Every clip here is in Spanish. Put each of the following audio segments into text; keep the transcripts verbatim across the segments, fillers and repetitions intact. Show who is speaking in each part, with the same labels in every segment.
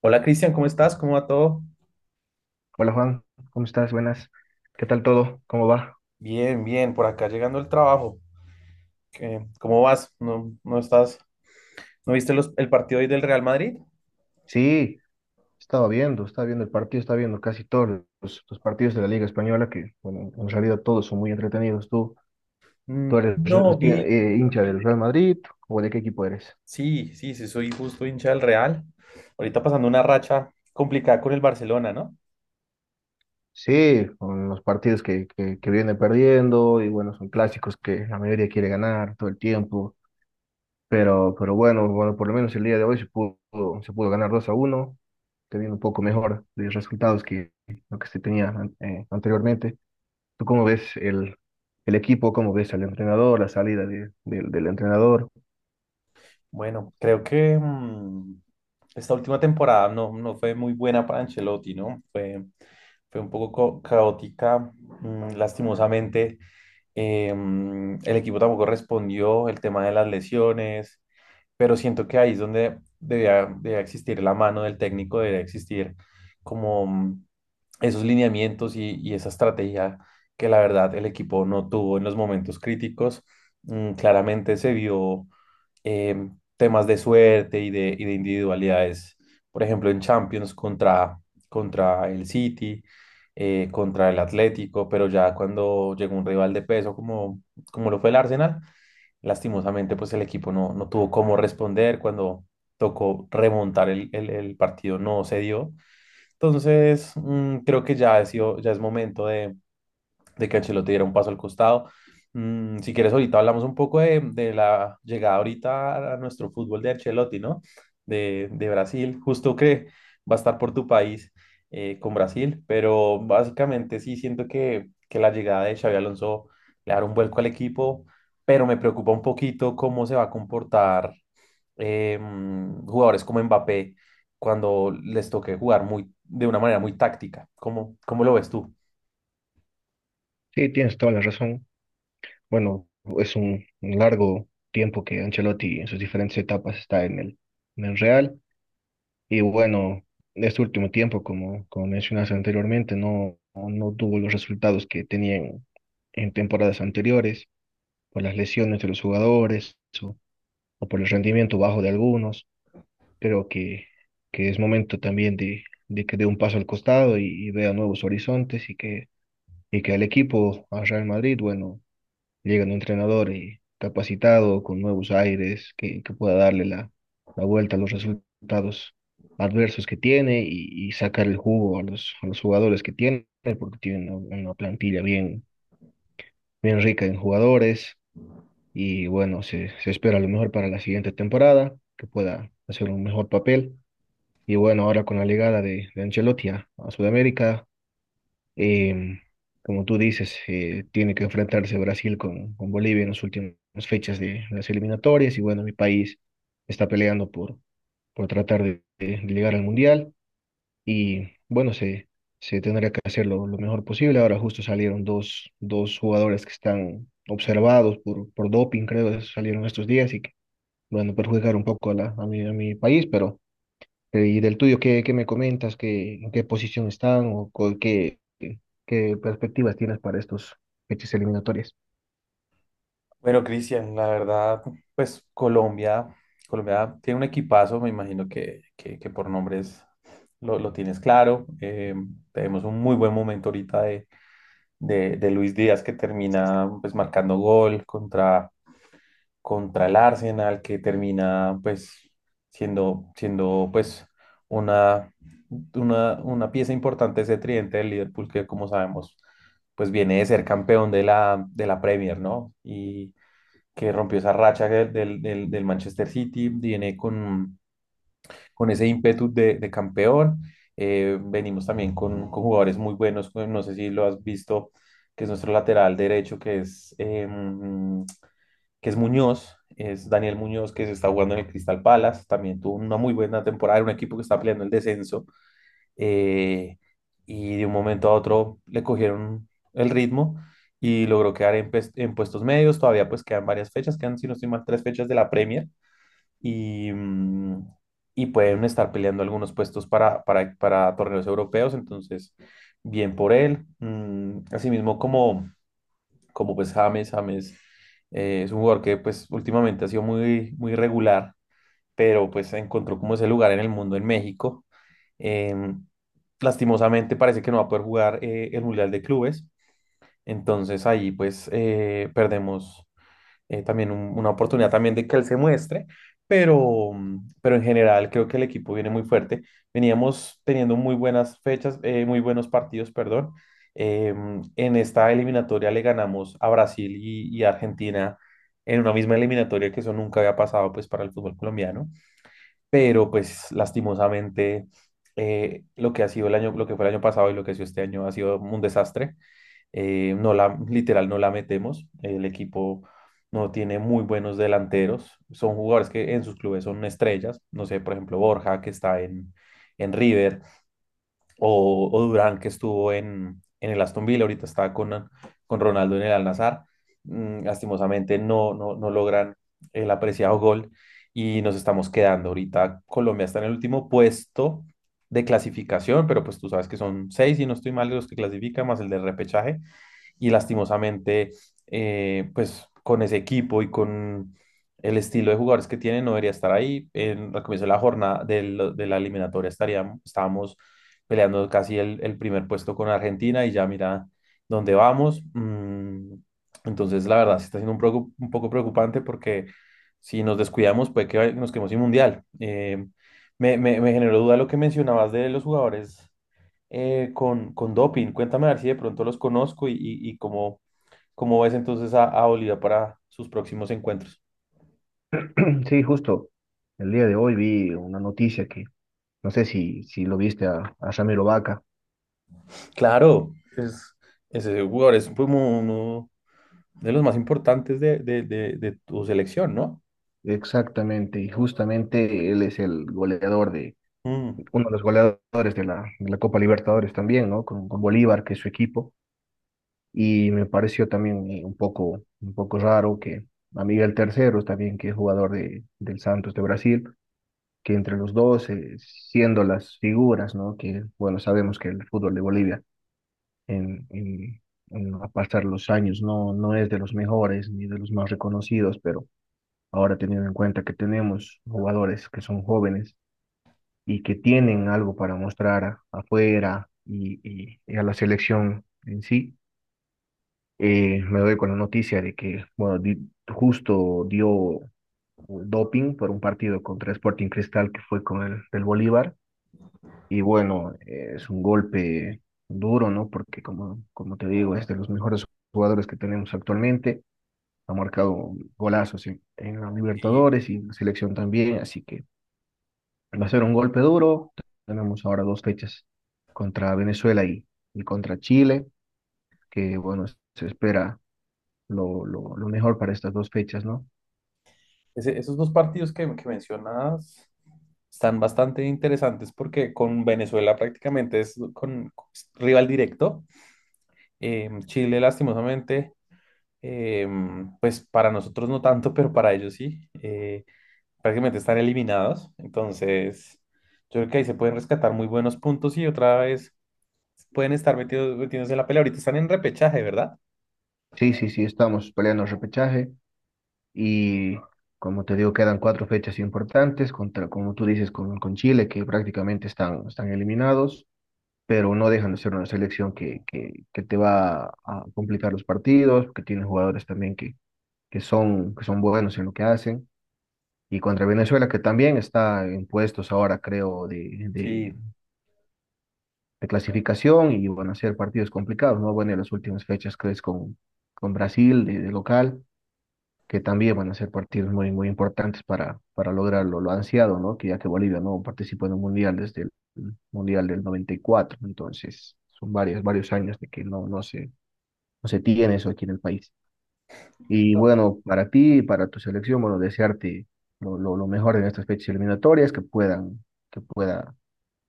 Speaker 1: Hola Cristian, ¿cómo estás? ¿Cómo va todo?
Speaker 2: Hola Juan, ¿cómo estás? Buenas. ¿Qué tal todo? ¿Cómo va?
Speaker 1: Bien, bien, por acá llegando el trabajo. ¿Qué- ¿Cómo vas? ¿No, no estás? ¿No viste los- el partido hoy del Real Madrid?
Speaker 2: Sí, estaba viendo, estaba viendo el partido, estaba viendo casi todos los, los partidos de la Liga Española, que bueno, en realidad todos son muy entretenidos. ¿Tú, tú
Speaker 1: Mm,
Speaker 2: eres
Speaker 1: no, vi.
Speaker 2: re- eh, hincha del Real Madrid o de qué equipo eres?
Speaker 1: Sí, sí, sí, soy justo hincha del Real. Ahorita pasando una racha complicada con el Barcelona, ¿no?
Speaker 2: Sí, con los partidos que, que, que viene perdiendo y bueno, son clásicos que la mayoría quiere ganar todo el tiempo. Pero, pero bueno, bueno, por lo menos el día de hoy se pudo, se pudo ganar dos a uno, que viene un poco mejor de resultados que lo que se tenía an- eh, anteriormente. ¿Tú cómo ves el, el equipo? ¿Cómo ves al entrenador? La salida de- del del entrenador.
Speaker 1: Bueno, creo que mm, esta última temporada no, no fue muy buena para Ancelotti, ¿no? Fue, fue un poco co- caótica, mm, lastimosamente. Eh, mm, el equipo tampoco respondió, el tema de las lesiones. Pero siento que ahí es donde debía, debía existir la mano del técnico, debía existir como mm, esos lineamientos y, y esa estrategia que la verdad el equipo no tuvo en los momentos críticos. Mm, claramente se vio eh, temas de suerte y de, y de individualidades, por ejemplo, en Champions contra, contra el City. Eh, contra el Atlético, pero ya cuando llegó un rival de peso como, como lo fue el Arsenal. Lastimosamente, pues el equipo no, no tuvo cómo responder cuando tocó remontar el, el- el partido, no se dio. Entonces, mm, creo que ya, ha sido- ya es momento de de que Ancelotti diera un paso al costado. Mm, si quieres, ahorita hablamos un poco de, de la llegada ahorita a nuestro fútbol de Ancelotti, ¿no? De, de Brasil, justo que va a estar por tu país, eh, con Brasil, pero básicamente sí siento que, que la llegada de Xabi Alonso le dará un vuelco al equipo, pero me preocupa un poquito cómo se va a comportar, eh, jugadores como Mbappé cuando les toque jugar muy, de una manera muy táctica. ¿Cómo, cómo lo ves tú?
Speaker 2: Sí, tienes toda la razón. Bueno, es un un largo tiempo que Ancelotti, en sus diferentes etapas, está en el, en el Real. Y bueno, este último tiempo, como como mencionaste anteriormente, no, no tuvo los resultados que tenían en temporadas anteriores, por las lesiones de los jugadores o por el rendimiento bajo de algunos. Creo que, que es momento también de, de que dé un paso al costado, y, y vea nuevos horizontes, y que, y que el equipo, a Real Madrid, bueno, llega un entrenador y capacitado, con nuevos aires, que, que pueda darle la, la vuelta a los resultados adversos que tiene, y, y sacar el jugo a los, a los jugadores que tiene, porque tiene una, una plantilla bien, bien rica en jugadores, y bueno, se, se espera lo mejor para la siguiente temporada, que pueda hacer un mejor papel. Y bueno, ahora con la llegada de, de Ancelotti a a Sudamérica, Em, como tú dices, eh, tiene que enfrentarse Brasil con, con Bolivia en las últimas fechas de las eliminatorias, y bueno, mi país está peleando por, por tratar de, de llegar al Mundial, y bueno, se, se tendrá que hacer lo, lo mejor posible. Ahora justo salieron dos, dos jugadores que están observados por, por doping, creo, salieron estos días, y que, bueno, perjudicar un poco a, la, a mi, a mi país, pero. Eh, Y del tuyo, ¿qué, qué me comentas? ¿Qué, en qué posición están, o co- qué, qué qué perspectivas tienes para estos fechas eliminatorias?
Speaker 1: Bueno, Cristian, la verdad, pues Colombia, Colombia tiene un equipazo, me imagino que, que, que por nombres lo, lo tienes claro. Eh, tenemos un muy buen momento ahorita de, de, de Luis Díaz que termina pues marcando gol contra, contra el Arsenal, que termina pues siendo, siendo pues una, una, una pieza importante ese tridente del Liverpool que como sabemos pues viene de ser campeón de la, de la Premier, ¿no? Y que rompió esa racha del, del- del- del Manchester City, viene con, con ese ímpetu de, de campeón. Eh, venimos también con, con jugadores muy buenos, pues, no sé si lo has visto, que es nuestro lateral derecho, que es, em, que es Muñoz, es Daniel Muñoz, que se está jugando en el Crystal Palace, también tuvo una muy buena temporada, en un equipo que está peleando el descenso, eh, y de un momento a otro le cogieron el ritmo y logró quedar en, pues- en puestos medios. Todavía pues quedan varias fechas, quedan si no estoy mal tres fechas de la Premier y, mm, y pueden estar peleando algunos puestos para, para, para torneos europeos, entonces bien por él. Mm, asimismo como, como pues James, James eh, es un jugador que pues últimamente ha sido muy, muy regular, pero pues encontró como ese lugar en el mundo en México. Em, Lastimosamente parece que no va a poder jugar, eh, el Mundial de Clubes, entonces ahí pues eh, perdemos eh, también un- una oportunidad también de que él se muestre, pero, mm, pero en general creo que el equipo viene muy fuerte. Veníamos teniendo muy buenas fechas, eh, muy buenos partidos, perdón. Em, en esta eliminatoria le ganamos a Brasil y, y Argentina en una misma eliminatoria que eso nunca había pasado pues para el fútbol colombiano, pero pues lastimosamente, eh, lo que ha sido el año, lo que fue el año pasado y lo que ha sido este año ha sido un desastre. Eh, no la, literal, no la metemos. El equipo no tiene muy buenos delanteros. Son jugadores que en sus clubes son estrellas. No sé, por ejemplo, Borja, que está en, en River, o, o Durán que estuvo en, en el Aston Villa, ahorita está con, con Ronaldo en el Al-Nassr. Mm, lastimosamente no, no, no logran el apreciado gol y nos estamos quedando. Ahorita Colombia está en el último puesto de clasificación, pero pues tú sabes que son seis, y no estoy mal, de los que clasifican, más el de repechaje, y lastimosamente, eh, pues con ese equipo y con el estilo de jugadores que tiene, no debería estar ahí. En, al comienzo de la jornada del- de la eliminatoria estaríamos, estábamos peleando casi el, el primer puesto con Argentina, y ya mira dónde vamos. Mm, entonces, la verdad, sí está siendo un, preocu- un poco preocupante porque si nos descuidamos puede que nos quedemos sin mundial. Eh, me, me, me generó duda lo que mencionabas de los jugadores, eh, con, con doping. Cuéntame a ver si de pronto los conozco y, y, y cómo, cómo ves entonces a, a Bolívar para sus próximos encuentros.
Speaker 2: Sí, justo el día de hoy vi una noticia que no sé si, si lo viste a, a Ramiro Vaca.
Speaker 1: Claro, es, ese jugador es como uno de los más importantes de, de, de, de tu selección, ¿no?
Speaker 2: Exactamente, y justamente él es el goleador de,
Speaker 1: Mm.
Speaker 2: uno de los goleadores de la, de la Copa Libertadores también, ¿no? Con, con Bolívar, que es su equipo. Y me pareció también, eh, un poco, un poco raro que a Miguel Terceros, también, que es jugador de, del Santos de Brasil, que entre los dos, eh, siendo las figuras, ¿no? Que, bueno, sabemos que el fútbol de Bolivia, en, en, en a pasar los años, no, no es de los mejores ni de los más reconocidos, pero ahora, teniendo en cuenta que tenemos jugadores que son jóvenes y que tienen algo para mostrar a- afuera, y, y- y a la selección en sí, eh, me doy con la noticia de que, bueno, di- justo dio, eh, doping por un partido contra Sporting Cristal, que fue con el del Bolívar. Y bueno, eh, es un golpe duro, ¿no? Porque, como, como te digo, es de los mejores jugadores que tenemos actualmente. Ha marcado golazos en, en la
Speaker 1: Y
Speaker 2: Libertadores y en la selección también, así que va a ser un golpe duro. Tenemos ahora dos fechas contra Venezuela y, y contra Chile, que, bueno, se espera lo, lo, lo mejor para estas dos fechas, ¿no?
Speaker 1: ese- esos dos partidos que, que mencionas están bastante interesantes porque con Venezuela prácticamente es con rival directo. Eh, Chile, lastimosamente, eh, pues para nosotros no tanto, pero para ellos sí. Eh, prácticamente están eliminados. Entonces, yo creo que ahí se pueden rescatar muy buenos puntos, y otra vez pueden estar metidos, metiéndose en la pelea. Ahorita están en repechaje, ¿verdad?
Speaker 2: Sí, sí, sí, estamos peleando el repechaje. Y como te digo, quedan cuatro fechas importantes, contra, como tú dices, con, con Chile, que prácticamente están, están eliminados, pero no dejan de ser una selección que, que, que te va a complicar los partidos, que tiene jugadores también que, que son, que son buenos en lo que hacen. Y contra Venezuela, que también está en puestos ahora, creo, de,
Speaker 1: Sí,
Speaker 2: de, de clasificación, y van a ser partidos complicados, ¿no? Bueno, en las últimas fechas, crees, con, con Brasil de de local, que también van a ser partidos muy, muy importantes para, para lograrlo, lo ansiado, ¿no? Que ya que Bolivia no participó en un mundial desde el mundial del noventa y cuatro, entonces son varios, varios años de que no, no se, no se tiene eso aquí en el país. Y bueno, para ti y para tu selección, bueno, desearte lo, lo, lo mejor en estas fechas eliminatorias, que puedan, que pueda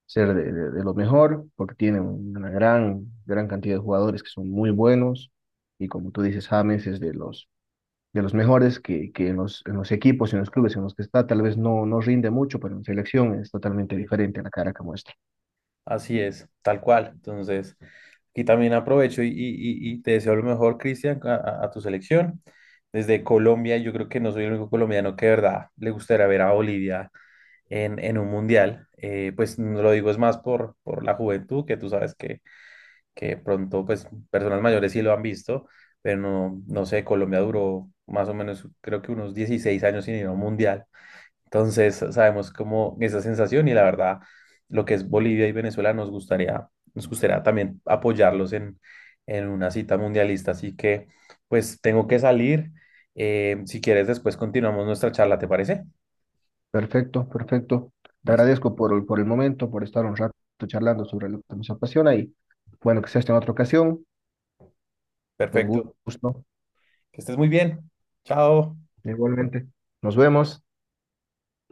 Speaker 2: ser de, de- de lo mejor, porque tienen una gran, gran cantidad de jugadores que son muy buenos, y como tú dices, James es de los de los mejores, que, que en los, en los equipos, en los clubes en los que está, tal vez no, no rinde mucho, pero en selección es totalmente
Speaker 1: sí,
Speaker 2: diferente a la cara que muestra.
Speaker 1: así es, tal cual. Entonces, aquí también aprovecho y, y- y- y te deseo lo mejor, Cristian, a, a- a tu selección. Desde Colombia, yo creo que no soy el único colombiano que de verdad le gustaría ver a Bolivia en, en un mundial. Eh, pues no lo digo es más por, por la juventud, que tú sabes que, que pronto pues personas mayores sí lo han visto, pero no, no sé, Colombia duró más o menos creo que unos dieciséis años sin ir a un mundial. Entonces sabemos cómo esa sensación, y la verdad lo que es Bolivia y Venezuela nos gustaría, nos gustaría también apoyarlos en, en una cita mundialista. Así que pues tengo que salir. Eh, si quieres después continuamos nuestra charla, ¿te parece?
Speaker 2: Perfecto, perfecto. Te
Speaker 1: Listo.
Speaker 2: agradezco por, el- por el momento, por estar un rato charlando sobre lo que nos apasiona, y bueno, que sea esta en otra ocasión. Con
Speaker 1: Perfecto.
Speaker 2: gusto.
Speaker 1: Que estés muy bien. Chao.
Speaker 2: Igualmente. Nos vemos.